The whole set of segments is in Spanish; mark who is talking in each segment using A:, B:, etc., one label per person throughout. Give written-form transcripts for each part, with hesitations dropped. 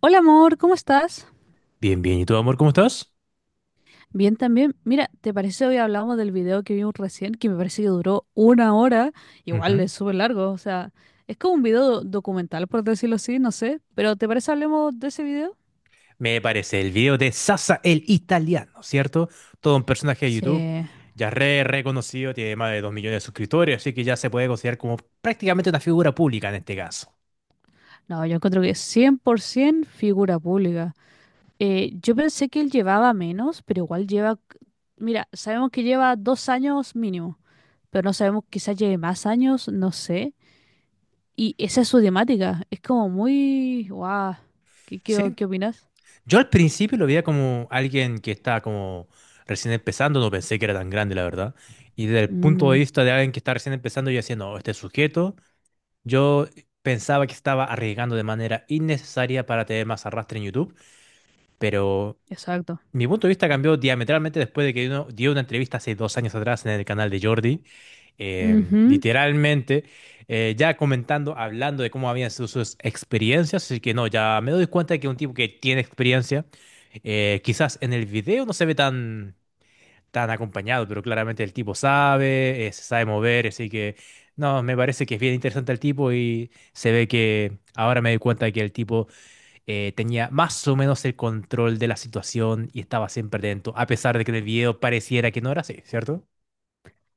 A: Hola amor, ¿cómo estás?
B: Bien, bien. ¿Y tú, amor, cómo estás?
A: Bien también. Mira, ¿te parece hoy hablamos del video que vimos recién, que me parece que duró 1 hora? Igual
B: Ujú.
A: es súper largo, o sea, es como un video documental, por decirlo así, no sé. Pero ¿te parece hablemos de ese video?
B: Me parece el video de Sasa el italiano, ¿cierto? Todo un personaje de
A: Sí.
B: YouTube ya re reconocido, tiene más de 2 millones de suscriptores, así que ya se puede considerar como prácticamente una figura pública en este caso,
A: No, yo encuentro que es 100% figura pública. Yo pensé que él llevaba menos, pero igual lleva... Mira, sabemos que lleva 2 años mínimo, pero no sabemos quizás lleve más años, no sé. Y esa es su temática. Es como muy... ¡Guau! ¿Qué, qué, o-
B: ¿sí?
A: qué opinas?
B: Yo al principio lo veía como alguien que está como recién empezando, no pensé que era tan grande, la verdad. Y desde el punto de
A: Mm,
B: vista de alguien que está recién empezando, yo decía, no, este sujeto, yo pensaba que estaba arriesgando de manera innecesaria para tener más arrastre en YouTube. Pero
A: exacto.
B: mi punto de vista cambió diametralmente después de que uno dio una entrevista hace 2 años atrás en el canal de Jordi.
A: Ujú,
B: Literalmente, ya comentando, hablando de cómo habían sido sus experiencias. Así que no, ya me doy cuenta de que un tipo que tiene experiencia, quizás en el video no se ve tan, tan acompañado, pero claramente el tipo sabe, se sabe mover. Así que no, me parece que es bien interesante el tipo y se ve que ahora me doy cuenta de que el tipo tenía más o menos el control de la situación y estaba siempre lento, a pesar de que en el video pareciera que no era así, ¿cierto?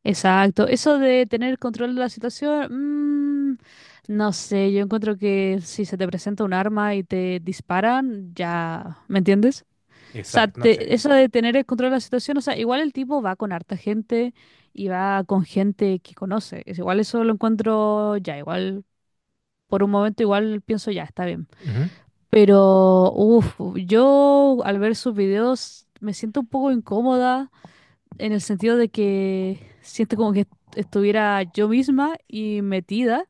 A: exacto. Eso de tener control de la situación, no sé, yo encuentro que si se te presenta un arma y te disparan, ya, ¿me entiendes? O sea,
B: Exacto, no sé.
A: eso de tener el control de la situación, o sea, igual el tipo va con harta gente y va con gente que conoce. Es igual eso lo encuentro ya, igual por un momento igual pienso ya, está bien.
B: Ujú.
A: Pero, uff, yo al ver sus videos me siento un poco incómoda en el sentido de que siento como que estuviera yo misma y metida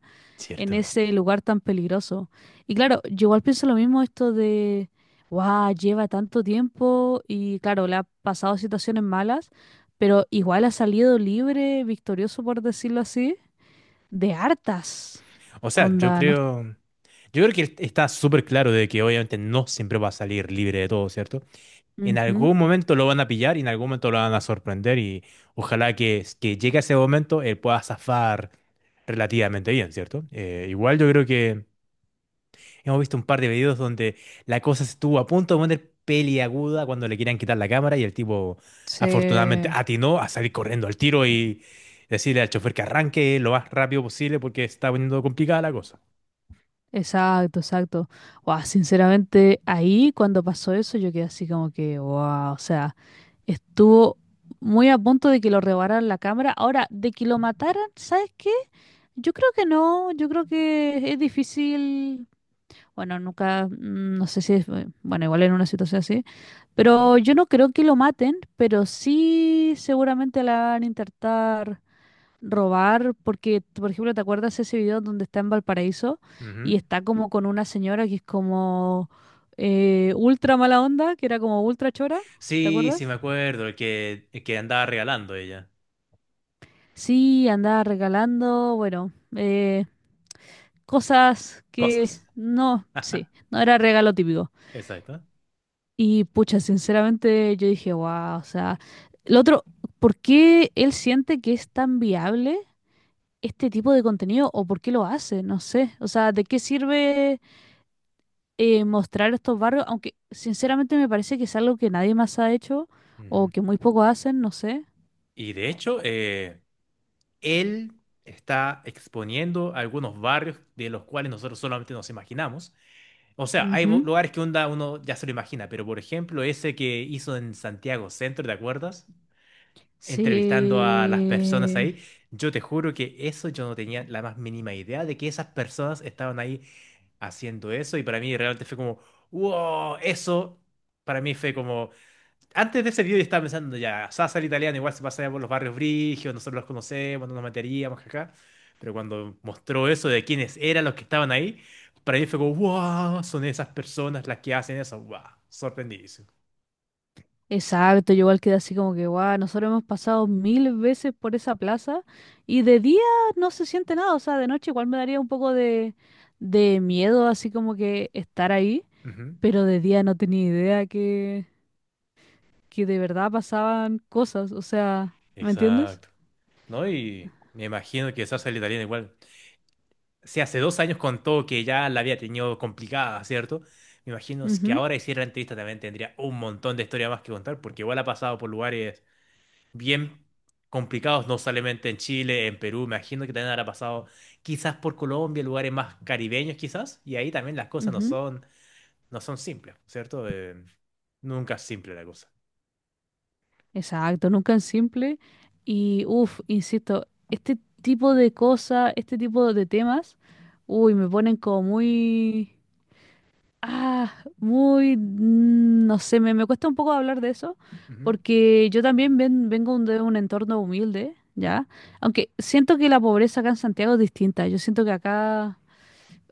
A: en
B: Cierto.
A: ese lugar tan peligroso. Y claro, yo igual pienso lo mismo esto de, wow, lleva tanto tiempo y claro, le ha pasado situaciones malas, pero igual ha salido libre, victorioso por decirlo así, de hartas.
B: O sea, yo
A: Onda, no.
B: creo, yo creo que está súper claro de que obviamente no siempre va a salir libre de todo, ¿cierto? En
A: Ujú.
B: algún momento lo van a pillar y en algún momento lo van a sorprender y ojalá que llegue a ese momento él pueda zafar relativamente bien, ¿cierto? Igual yo creo que hemos visto un par de videos donde la cosa estuvo a punto de poner peliaguda cuando le querían quitar la cámara y el tipo afortunadamente
A: Sí.
B: atinó a salir corriendo al tiro y decirle al chofer que arranque lo más rápido posible porque está poniendo complicada la cosa.
A: Exacto, exacto. Wow, sinceramente, ahí cuando pasó eso, yo quedé así como que, wow, o sea, estuvo muy a punto de que lo rebaran la cámara. Ahora, de que lo mataran, ¿sabes qué? Yo creo que no, yo creo que es difícil. Bueno, nunca, no sé si es, bueno, igual en una situación así, pero yo no creo que lo maten, pero sí seguramente la van a intentar robar, porque, por ejemplo, ¿te acuerdas ese video donde está en Valparaíso y
B: Ujú.
A: está como con una señora que es como ultra mala onda, que era como ultra chora? ¿Te
B: Sí, sí
A: acuerdas?
B: me acuerdo, el que andaba regalando ella.
A: Sí, andaba regalando, bueno, cosas que
B: Cosas.
A: no, sí, no era regalo típico.
B: Exacto.
A: Y pucha, sinceramente yo dije, wow, o sea, el otro, ¿por qué él siente que es tan viable este tipo de contenido o por qué lo hace? No sé, o sea, ¿de qué sirve? Mostrar estos barrios, aunque sinceramente me parece que es algo que nadie más ha hecho o
B: Ujú.
A: que muy poco hacen, no sé.
B: Y de hecho, él está exponiendo algunos barrios de los cuales nosotros solamente nos imaginamos. O sea, hay
A: Ujú.
B: lugares que onda uno ya se lo imagina, pero por ejemplo, ese que hizo en Santiago Centro, ¿te acuerdas? Entrevistando a las personas
A: Sí,
B: ahí, yo te juro que eso yo no tenía la más mínima idea de que esas personas estaban ahí haciendo eso y para mí realmente fue como, wow, eso para mí fue como antes de ese video yo estaba pensando ya, Sasa el italiano igual se pasaba por los barrios brigios, nosotros los conocemos, no nos meteríamos acá. Pero cuando mostró eso de quiénes eran los que estaban ahí, para mí fue como, wow, son esas personas las que hacen eso, wow, sorprendidísimo.
A: exacto, yo igual quedé así como que, guau, nosotros hemos pasado 1000 veces por esa plaza y de día no se siente nada, o sea, de noche igual me daría un poco de miedo, así como que estar ahí,
B: Ujú.
A: pero de día no tenía idea que de verdad pasaban cosas, o sea, ¿me entiendes?
B: Exacto. ¿No? Y me imagino que Sasa el italiano igual. Si hace 2 años contó que ya la había tenido complicada, ¿cierto? Me imagino si que
A: Ujú,
B: ahora hiciera la entrevista también tendría un montón de historia más que contar, porque igual ha pasado por lugares bien complicados, no solamente en Chile, en Perú, me imagino que también habrá pasado quizás por Colombia, lugares más caribeños quizás, y ahí también las cosas no
A: ujú.
B: son, no son simples, ¿cierto? Nunca es simple la cosa.
A: Exacto, nunca es simple. Y, uff, insisto, este tipo de cosas, este tipo de temas, uy, me ponen como muy, ah, muy, no sé, me cuesta un poco hablar de eso,
B: Ujú.
A: porque yo también vengo de un entorno humilde, ¿ya? Aunque siento que la pobreza acá en Santiago es distinta, yo siento que acá...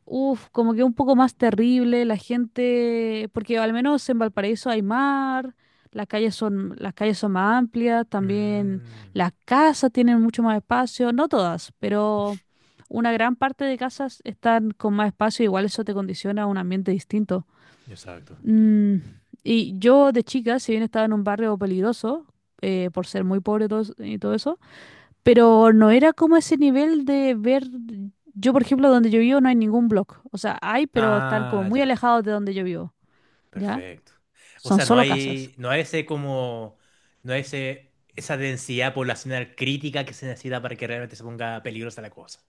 A: Uf, como que un poco más terrible, la gente, porque al menos en Valparaíso hay mar, las calles son más amplias, también
B: Mm,
A: las casas tienen mucho más espacio, no todas, pero una gran parte de casas están con más espacio, igual eso te condiciona a un ambiente distinto.
B: exacto.
A: Mm, y yo de chica, si bien estaba en un barrio peligroso, por ser muy pobre y todo, y todo eso, pero no era como ese nivel de ver, yo por ejemplo, donde yo vivo no hay ningún blog. O sea, hay, pero están como
B: Ah,
A: muy
B: ya,
A: alejados de donde yo vivo, ¿ya?
B: perfecto. O
A: Son
B: sea, no
A: solo casas.
B: hay, no hay ese como, no hay ese, esa densidad poblacional crítica que se necesita para que realmente se ponga peligrosa la cosa.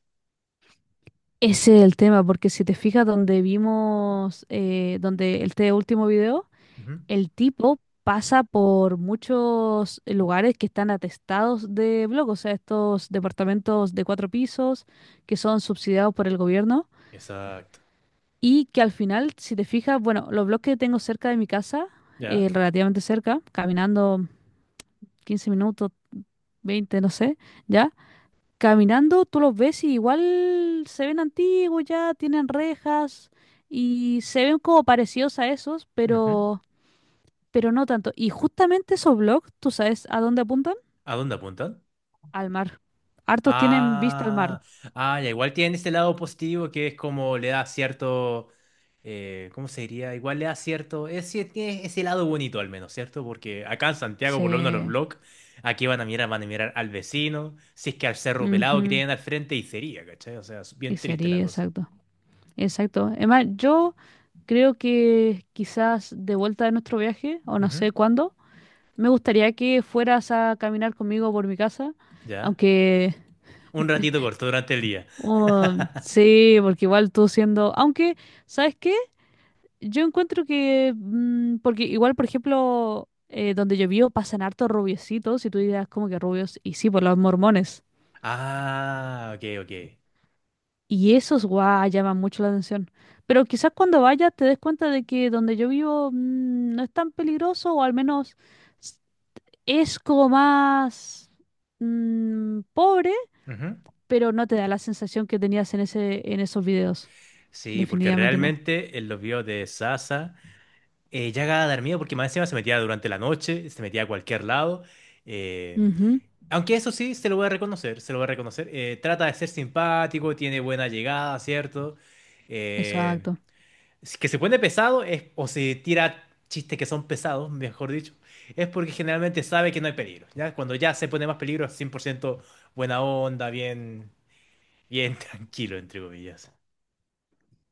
A: Ese es el tema, porque si te fijas donde vimos, donde este último video,
B: Ujú.
A: el tipo pasa por muchos lugares que están atestados de blog, o sea, estos departamentos de 4 pisos que son subsidiados por el gobierno.
B: Exacto.
A: Y que al final, si te fijas, bueno, los blogs que tengo cerca de mi casa,
B: ¿Ya?
A: relativamente cerca, caminando 15 minutos, 20 no sé, ya, caminando tú los ves y igual se ven antiguos ya, tienen rejas y se ven como parecidos a esos,
B: Ujú.
A: pero no tanto. Y justamente esos blogs, ¿tú sabes a dónde apuntan?
B: ¿A dónde apuntan?
A: Al mar. Hartos tienen vista al mar.
B: Ah, ah, ya, igual tiene este lado positivo que es como le da cierto, ¿cómo se diría? Igual le da cierto, es, sí, tiene ese lado bonito al menos, ¿cierto? Porque acá en Santiago, por lo menos los
A: Sí.
B: vlogs, aquí van a mirar al vecino, si es que al cerro pelado que
A: Ujú,
B: tienen al frente y sería, ¿cachai? O sea, es
A: y
B: bien triste la
A: sería,
B: cosa.
A: exacto. Exacto. Además, yo creo que quizás de vuelta de nuestro viaje, o no
B: Ujú.
A: sé cuándo, me gustaría que fueras a caminar conmigo por mi casa,
B: ¿Ya?
A: aunque
B: Un ratito corto durante el día.
A: oh, sí, porque igual tú siendo, aunque, ¿sabes qué? Yo encuentro que, mm, porque igual, por ejemplo, donde yo vivo pasan hartos rubiecitos, y tú dirás como que rubios, y sí, por los mormones.
B: Ah, ok, ok.
A: Y esos, guau, llaman mucho la atención. Pero quizás cuando vayas te des cuenta de que donde yo vivo no es tan peligroso, o al menos s- es como más pobre,
B: Ujú.
A: pero no te da la sensación que tenías en ese, en esos videos.
B: Sí, porque
A: Definitivamente no.
B: realmente en los videos de Sasa. Llega a dar miedo porque más encima se metía durante la noche, se metía a cualquier lado. eh,
A: Ujú,
B: Aunque eso sí, se lo voy a reconocer, se lo voy a reconocer. Trata de ser simpático, tiene buena llegada, ¿cierto? Eh,
A: exacto.
B: si que se pone pesado es, o se tira chistes que son pesados, mejor dicho, es porque generalmente sabe que no hay peligro, ¿ya? Cuando ya se pone más peligro es 100% buena onda, bien, bien tranquilo, entre comillas.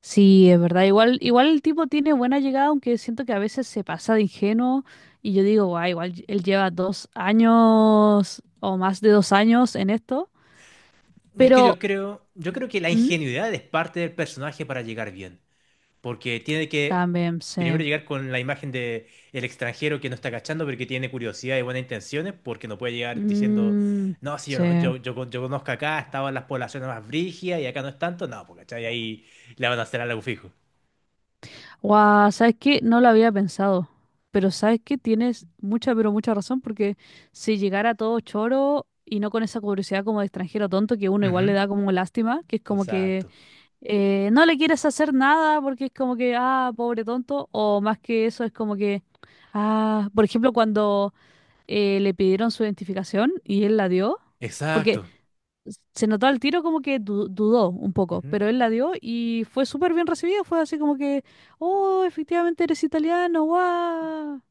A: Sí, es verdad. Igual, igual el tipo tiene buena llegada, aunque siento que a veces se pasa de ingenuo. Y yo digo, guau, igual él lleva 2 años o más de 2 años en esto.
B: Es que yo
A: Pero.
B: creo, yo creo que la
A: ¿Mm?
B: ingenuidad es parte del personaje para llegar bien. Porque tiene que
A: También,
B: primero
A: sí.
B: llegar con la imagen de el extranjero que no está cachando, pero que tiene curiosidad y buenas intenciones, porque no puede llegar diciendo,
A: Mm,
B: no, si yo,
A: sí.
B: los- yo, con- yo conozco acá, estaban las poblaciones más brígidas y acá no es tanto, no, porque ¿cachai? Ahí le van a hacer algo fijo.
A: Guau, ¿sabes qué? No lo había pensado. Pero sabes que tienes mucha, pero mucha razón, porque si llegara todo choro y no con esa curiosidad como de extranjero tonto, que uno igual le
B: Ujú.
A: da como lástima, que es como que
B: Exacto,
A: no le quieres hacer nada porque es como que, ah, pobre tonto, o más que eso es como que, ah, por ejemplo, cuando le pidieron su identificación y él la dio. Porque
B: exacto,
A: se notó al tiro como que dudó un poco,
B: ujú,
A: pero él la dio y fue súper bien recibida. Fue así como que, oh, efectivamente eres italiano, guau.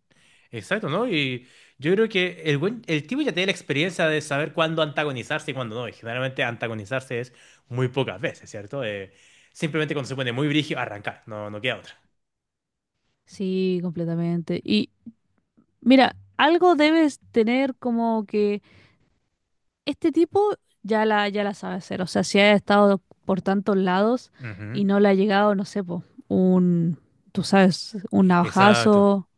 B: exacto, ¿no? Y yo creo que el tipo ya tiene la experiencia de saber cuándo antagonizarse y cuándo no. Y generalmente antagonizarse es muy pocas veces, ¿cierto? Simplemente cuando se pone muy brígido, arrancar, no, no queda otra.
A: Sí, completamente. Y mira, algo debes tener como que este tipo ya la, ya la sabe hacer. O sea, si ha estado por tantos lados
B: Ujú.
A: y no le ha llegado, no sé, po, un, tú sabes, un
B: Exacto,
A: navajazo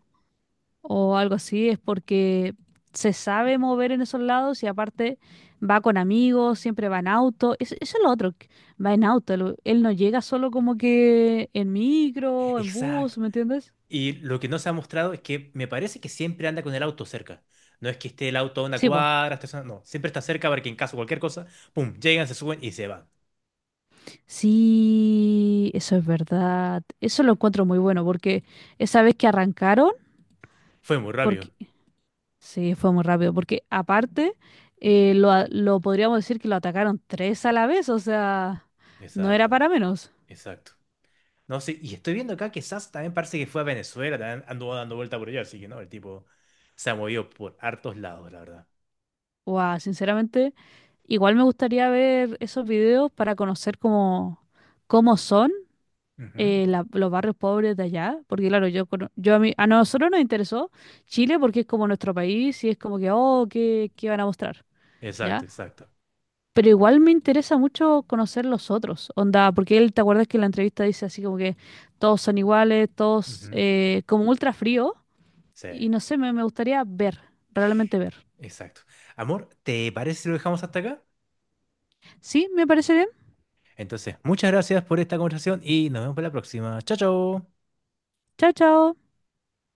A: o algo así, es porque se sabe mover en esos lados y aparte va con amigos, siempre va en auto. Eso es lo otro, que va en auto. Él no llega solo como que en micro, en
B: exacto.
A: bus, ¿me entiendes?
B: Y lo que no se ha mostrado es que me parece que siempre anda con el auto cerca. No es que esté el auto a una
A: Sí, po.
B: cuadra, esté no, siempre está cerca para que en caso de cualquier cosa, pum, llegan, se suben y se van.
A: Sí, eso es verdad. Eso lo encuentro muy bueno porque esa vez que arrancaron,
B: Fue muy rápido.
A: porque sí, fue muy rápido, porque aparte lo podríamos decir que lo atacaron 3 a la vez, o sea, no era
B: Exacto,
A: para menos.
B: exacto. No sé, y estoy viendo acá que SAS también parece que fue a Venezuela, también anduvo dando vuelta por allá, así que no, el tipo se ha movido por hartos lados, la verdad.
A: Wow, sinceramente, igual me gustaría ver esos videos para conocer cómo, cómo son
B: Ujú.
A: los barrios pobres de allá, porque claro, yo, yo a nosotros nos interesó Chile porque es como nuestro país y es como que, oh, ¿qué van a mostrar?
B: Exacto,
A: ¿Ya?
B: exacto.
A: Pero igual me interesa mucho conocer los otros, onda, porque él, ¿te acuerdas que en la entrevista dice así como que todos son iguales, todos
B: Ujú.
A: como ultra frío?
B: Sí,
A: Y no sé, me gustaría ver, realmente ver.
B: exacto. Amor, ¿te parece si lo dejamos hasta acá?
A: Sí, me parece bien.
B: Entonces, muchas gracias por esta conversación y nos vemos para la próxima. Chao, chao.
A: Chao, chao.